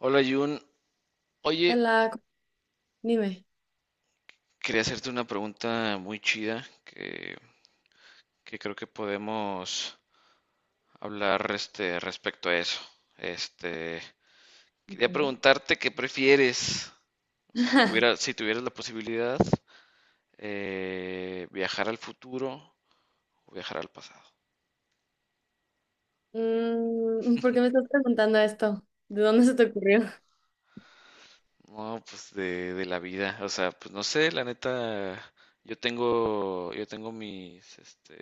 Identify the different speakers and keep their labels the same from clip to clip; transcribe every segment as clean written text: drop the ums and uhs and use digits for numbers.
Speaker 1: Hola Jun, oye,
Speaker 2: Hola, dime.
Speaker 1: quería hacerte una pregunta muy chida que creo que podemos hablar respecto a eso. Este, Quería preguntarte qué prefieres, o sea, si tuvieras la posibilidad, viajar al futuro o viajar al pasado.
Speaker 2: Mm, ¿por qué me estás preguntando esto? ¿De dónde se te ocurrió?
Speaker 1: No, pues de la vida, o sea, pues no sé, la neta, yo tengo mis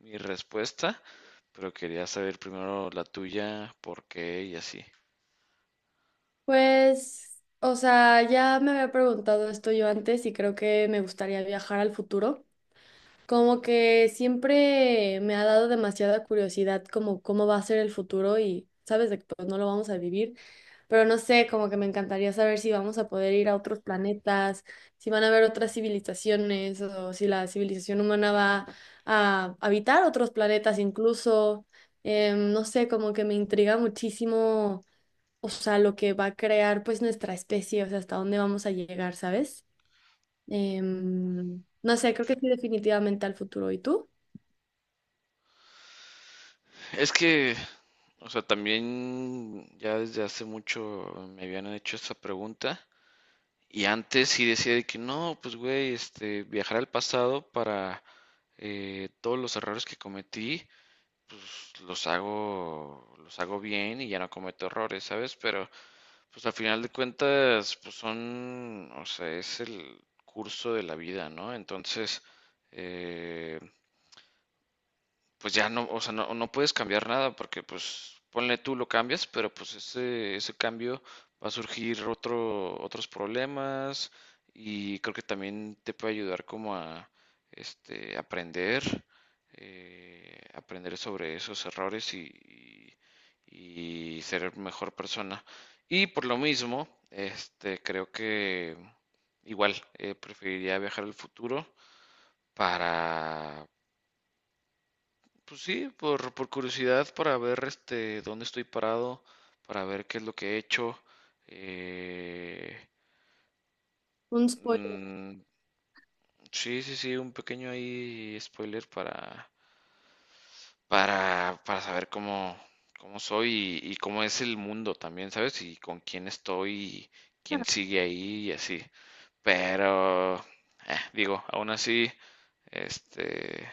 Speaker 1: mi respuesta. Pero quería saber primero la tuya, por qué y así.
Speaker 2: Pues, o sea, ya me había preguntado esto yo antes y creo que me gustaría viajar al futuro. Como que siempre me ha dado demasiada curiosidad como cómo va a ser el futuro y sabes de que pues no lo vamos a vivir, pero no sé, como que me encantaría saber si vamos a poder ir a otros planetas, si van a haber otras civilizaciones o si la civilización humana va a habitar otros planetas incluso. No sé, como que me intriga muchísimo, o sea, lo que va a crear pues nuestra especie, o sea, hasta dónde vamos a llegar, ¿sabes? No sé, creo que sí, definitivamente al futuro. ¿Y tú?
Speaker 1: Es que, o sea, también ya desde hace mucho me habían hecho esa pregunta y antes sí decía de que no, pues güey, viajar al pasado para todos los errores que cometí, pues los hago bien y ya no cometo errores, ¿sabes? Pero pues al final de cuentas, pues son, o sea, es el curso de la vida, ¿no? Entonces, eh, pues ya no, o sea, no puedes cambiar nada porque pues ponle tú lo cambias, pero pues ese cambio va a surgir otros problemas, y creo que también te puede ayudar como a aprender, aprender sobre esos errores y ser mejor persona. Y por lo mismo, creo que igual preferiría viajar al futuro para pues sí, por curiosidad, para ver este dónde estoy parado, para ver qué es lo que he hecho. eh,
Speaker 2: Un spoiler.
Speaker 1: mm, sí, sí, sí, un pequeño ahí spoiler para saber cómo soy y cómo es el mundo también, ¿sabes? Y con quién estoy, y quién
Speaker 2: Ah,
Speaker 1: sigue ahí y así. Pero, digo, aún así, este,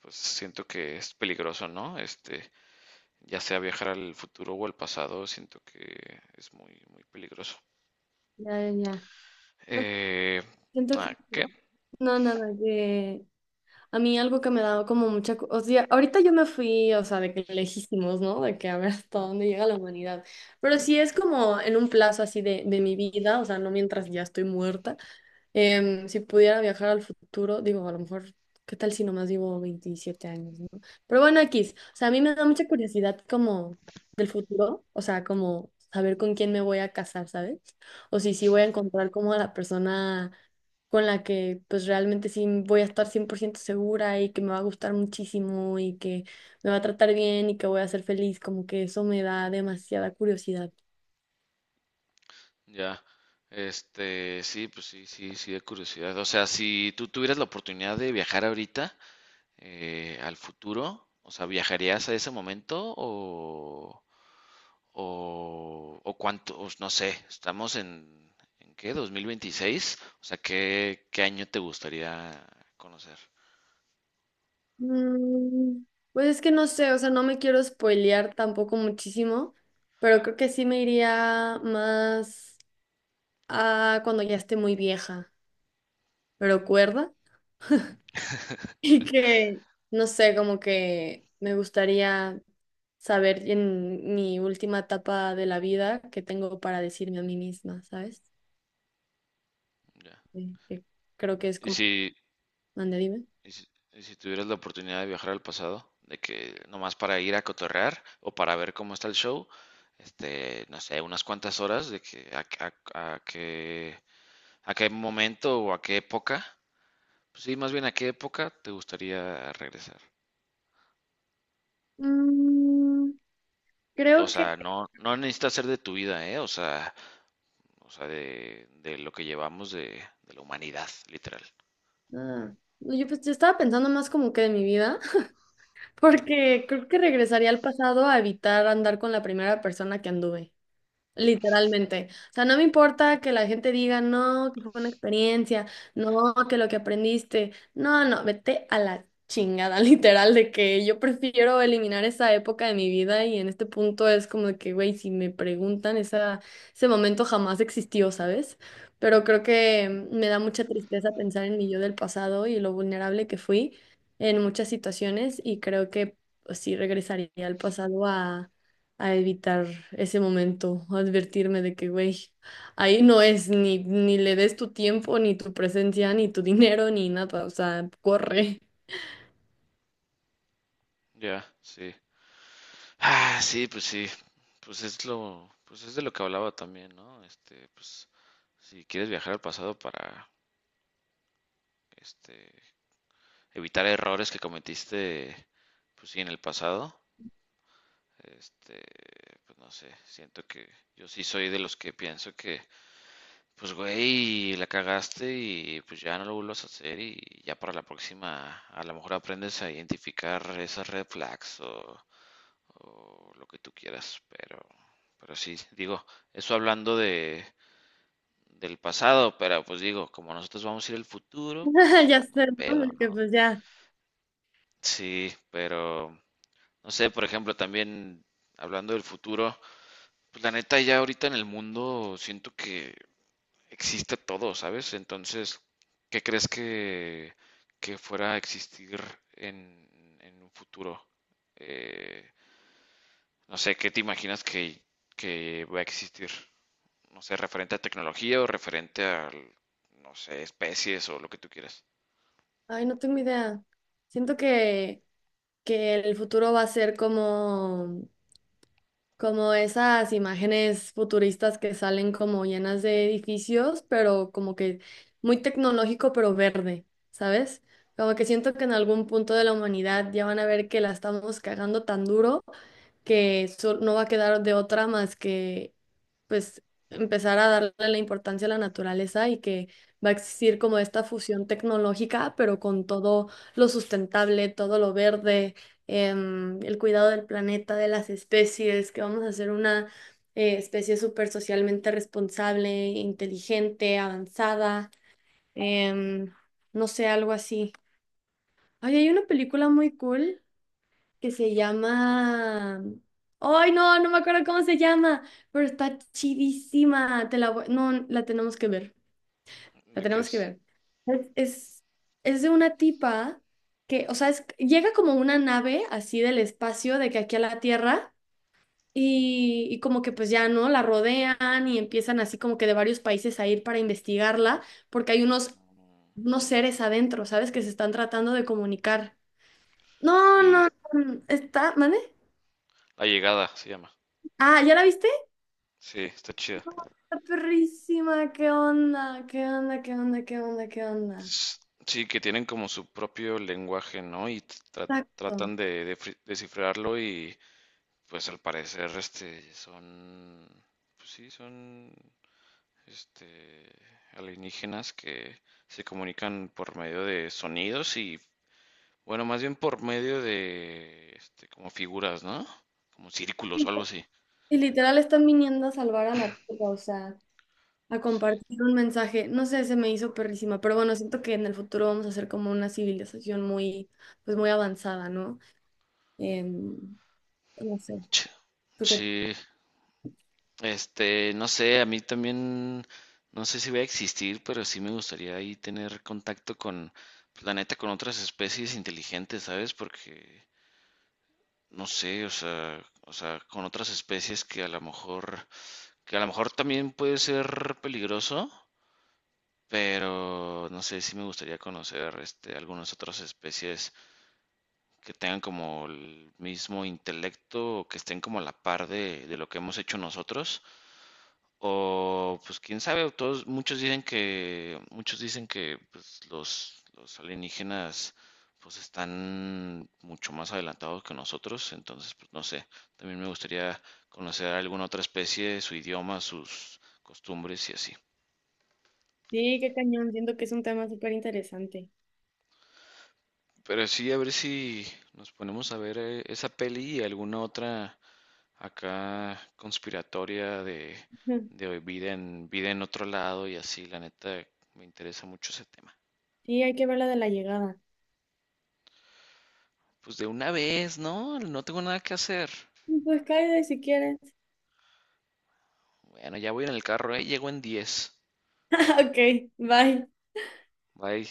Speaker 1: pues siento que es peligroso, ¿no? Ya sea viajar al futuro o al pasado, siento que es muy peligroso.
Speaker 2: ya, ya, ya. No,
Speaker 1: Eh,
Speaker 2: siento que
Speaker 1: ¿A qué?
Speaker 2: sí. No, nada, que a mí algo que me ha dado como mucha o sea, ahorita yo me fui, o sea, de que lejísimos, ¿no? De que a ver hasta dónde llega la humanidad. Pero sí es como en un plazo así de mi vida, o sea, no mientras ya estoy muerta. Si pudiera viajar al futuro, digo, a lo mejor, ¿qué tal si nomás vivo 27 años, ¿no? Pero bueno, X, o sea, a mí me da mucha curiosidad como del futuro, o sea, como saber con quién me voy a casar, ¿sabes? O si sí voy a encontrar como a la persona con la que pues realmente sí voy a estar 100% segura y que me va a gustar muchísimo y que me va a tratar bien y que voy a ser feliz, como que eso me da demasiada curiosidad.
Speaker 1: Ya. Sí, pues sí, sí, sí, de curiosidad. O sea, si tú tuvieras la oportunidad de viajar ahorita al futuro, o sea, ¿viajarías a ese momento o cuánto? O no sé, estamos ¿en qué? ¿2026? O sea, ¿qué año te gustaría conocer?
Speaker 2: Mm, pues es que no sé, o sea, no me quiero spoilear tampoco muchísimo, pero creo que sí me iría más a cuando ya esté muy vieja, pero cuerda. Y que no sé, como que me gustaría saber en mi última etapa de la vida qué tengo para decirme a mí misma, ¿sabes?
Speaker 1: Ya.
Speaker 2: Sí, que creo que es
Speaker 1: Y
Speaker 2: como...
Speaker 1: si,
Speaker 2: Ande, dime.
Speaker 1: Y si, y si tuvieras la oportunidad de viajar al pasado, de que nomás para ir a cotorrear o para ver cómo está el show, no sé, unas cuantas horas de que a- a qué, a qué momento o a qué época, pues sí, más bien a qué época te gustaría regresar.
Speaker 2: Mm,
Speaker 1: O
Speaker 2: Creo que...
Speaker 1: sea, no necesita ser de tu vida, ¿eh? O sea, de lo que llevamos de la humanidad, literal.
Speaker 2: ah, no, yo, pues, yo estaba pensando más como que de mi vida. Porque creo que regresaría al pasado a evitar andar con la primera persona que anduve. Literalmente. O sea, no me importa que la gente diga, no, que fue una experiencia, no, que lo que aprendiste. No, no, vete a la chingada, literal, de que yo prefiero eliminar esa época de mi vida y en este punto es como de que, güey, si me preguntan, esa, ese momento jamás existió, ¿sabes? Pero creo que me da mucha tristeza pensar en mi yo del pasado y lo vulnerable que fui en muchas situaciones y creo que pues, sí regresaría al pasado a evitar ese momento, a advertirme de que, güey, ahí no es ni le des tu tiempo, ni tu presencia, ni tu dinero, ni nada, o sea, corre.
Speaker 1: Ya, sí. Ah, sí, pues sí, pues es de lo que hablaba también, ¿no? Este, pues si quieres viajar al pasado para, este, evitar errores que cometiste, pues sí, en el pasado, este, pues no sé, siento que yo sí soy de los que pienso que, pues güey, la cagaste y pues ya no lo vuelvas a hacer y ya para la próxima a lo mejor aprendes a identificar esas red flags o lo que tú quieras, pero sí, digo, eso hablando del pasado, pero pues digo, como nosotros vamos a ir al futuro, pues
Speaker 2: Ya
Speaker 1: no hay
Speaker 2: sé, ¿no?
Speaker 1: pedo,
Speaker 2: De que
Speaker 1: ¿no?
Speaker 2: pues ya,
Speaker 1: Sí, pero no sé, por ejemplo, también hablando del futuro, pues la neta ya ahorita en el mundo siento que existe todo, ¿sabes? Entonces, ¿qué crees que, que fuera a existir en un futuro? Eh, no sé, ¿qué te imaginas que va a existir? No sé, referente a tecnología o referente a, no sé, especies o lo que tú quieras.
Speaker 2: ay, no tengo idea. Siento que el futuro va a ser como como esas imágenes futuristas que salen como llenas de edificios, pero como que muy tecnológico, pero verde, ¿sabes? Como que siento que en algún punto de la humanidad ya van a ver que la estamos cagando tan duro que no va a quedar de otra más que pues empezar a darle la importancia a la naturaleza y que va a existir como esta fusión tecnológica, pero con todo lo sustentable, todo lo verde, el cuidado del planeta, de las especies, que vamos a hacer una especie súper socialmente responsable, inteligente, avanzada. em, no sé, algo así. Ay, hay una película muy cool que se llama... Ay, no, no me acuerdo cómo se llama, pero está chidísima. Te la voy- No, la tenemos que ver. La
Speaker 1: ¿De qué
Speaker 2: tenemos que
Speaker 1: es?
Speaker 2: ver. Es, es, es de una tipa que, o sea, es- llega como una nave así del espacio, de que aquí a la Tierra, y como que pues ya, ¿no? La rodean y empiezan así como que de varios países a ir para investigarla, porque hay unos seres adentro, ¿sabes? Que se están tratando de comunicar. No,
Speaker 1: Sí,
Speaker 2: no, no, está, ¿mande?
Speaker 1: La Llegada se llama.
Speaker 2: Ah, ¿ya la viste?
Speaker 1: Sí, está chida.
Speaker 2: Está perrísima, ¿qué onda? ¿Qué onda? ¿Qué onda? ¿Qué onda? ¿Qué onda?
Speaker 1: S- Sí, que tienen como su propio lenguaje, ¿no? Y
Speaker 2: Exacto.
Speaker 1: tratan de, descifrarlo, y pues al parecer son, pues sí, son este alienígenas que se comunican por medio de sonidos y bueno, más bien por medio de, como figuras, ¿no? Como círculos o
Speaker 2: Y
Speaker 1: algo así.
Speaker 2: y literal están viniendo a salvar a la Tierra, o sea, a
Speaker 1: Sí.
Speaker 2: compartir un mensaje. No sé, se me hizo perrísima, pero bueno, siento que en el futuro vamos a ser como una civilización muy, pues muy avanzada, ¿no? Em, no sé.
Speaker 1: Ch-
Speaker 2: ¿Tú qué?
Speaker 1: Sí. No sé, a mí también, no sé si voy a existir, pero sí me gustaría ahí tener contacto con, pues, la neta, con otras especies inteligentes, ¿sabes? Porque, no sé, o sea, con otras especies que a lo mejor, que a lo mejor también puede ser peligroso, pero no sé, sí me gustaría conocer, algunas otras especies que tengan como el mismo intelecto, o que estén como a la par de lo que hemos hecho nosotros. O pues quién sabe, muchos dicen que pues, los alienígenas pues están mucho más adelantados que nosotros, entonces pues no sé, también me gustaría conocer a alguna otra especie, su idioma, sus costumbres y así.
Speaker 2: Sí, qué cañón, siento que es un tema súper interesante.
Speaker 1: Pero sí, a ver si nos ponemos a ver esa peli y alguna otra acá conspiratoria de vida en otro lado y así, la neta, me interesa mucho ese tema.
Speaker 2: Sí, hay que ver la de la llegada.
Speaker 1: Pues de una vez, ¿no? No tengo nada que hacer.
Speaker 2: Pues cállate si quieres.
Speaker 1: Bueno, ya voy en el carro, ¿eh? Llego en diez.
Speaker 2: Ok, bye.
Speaker 1: Bye.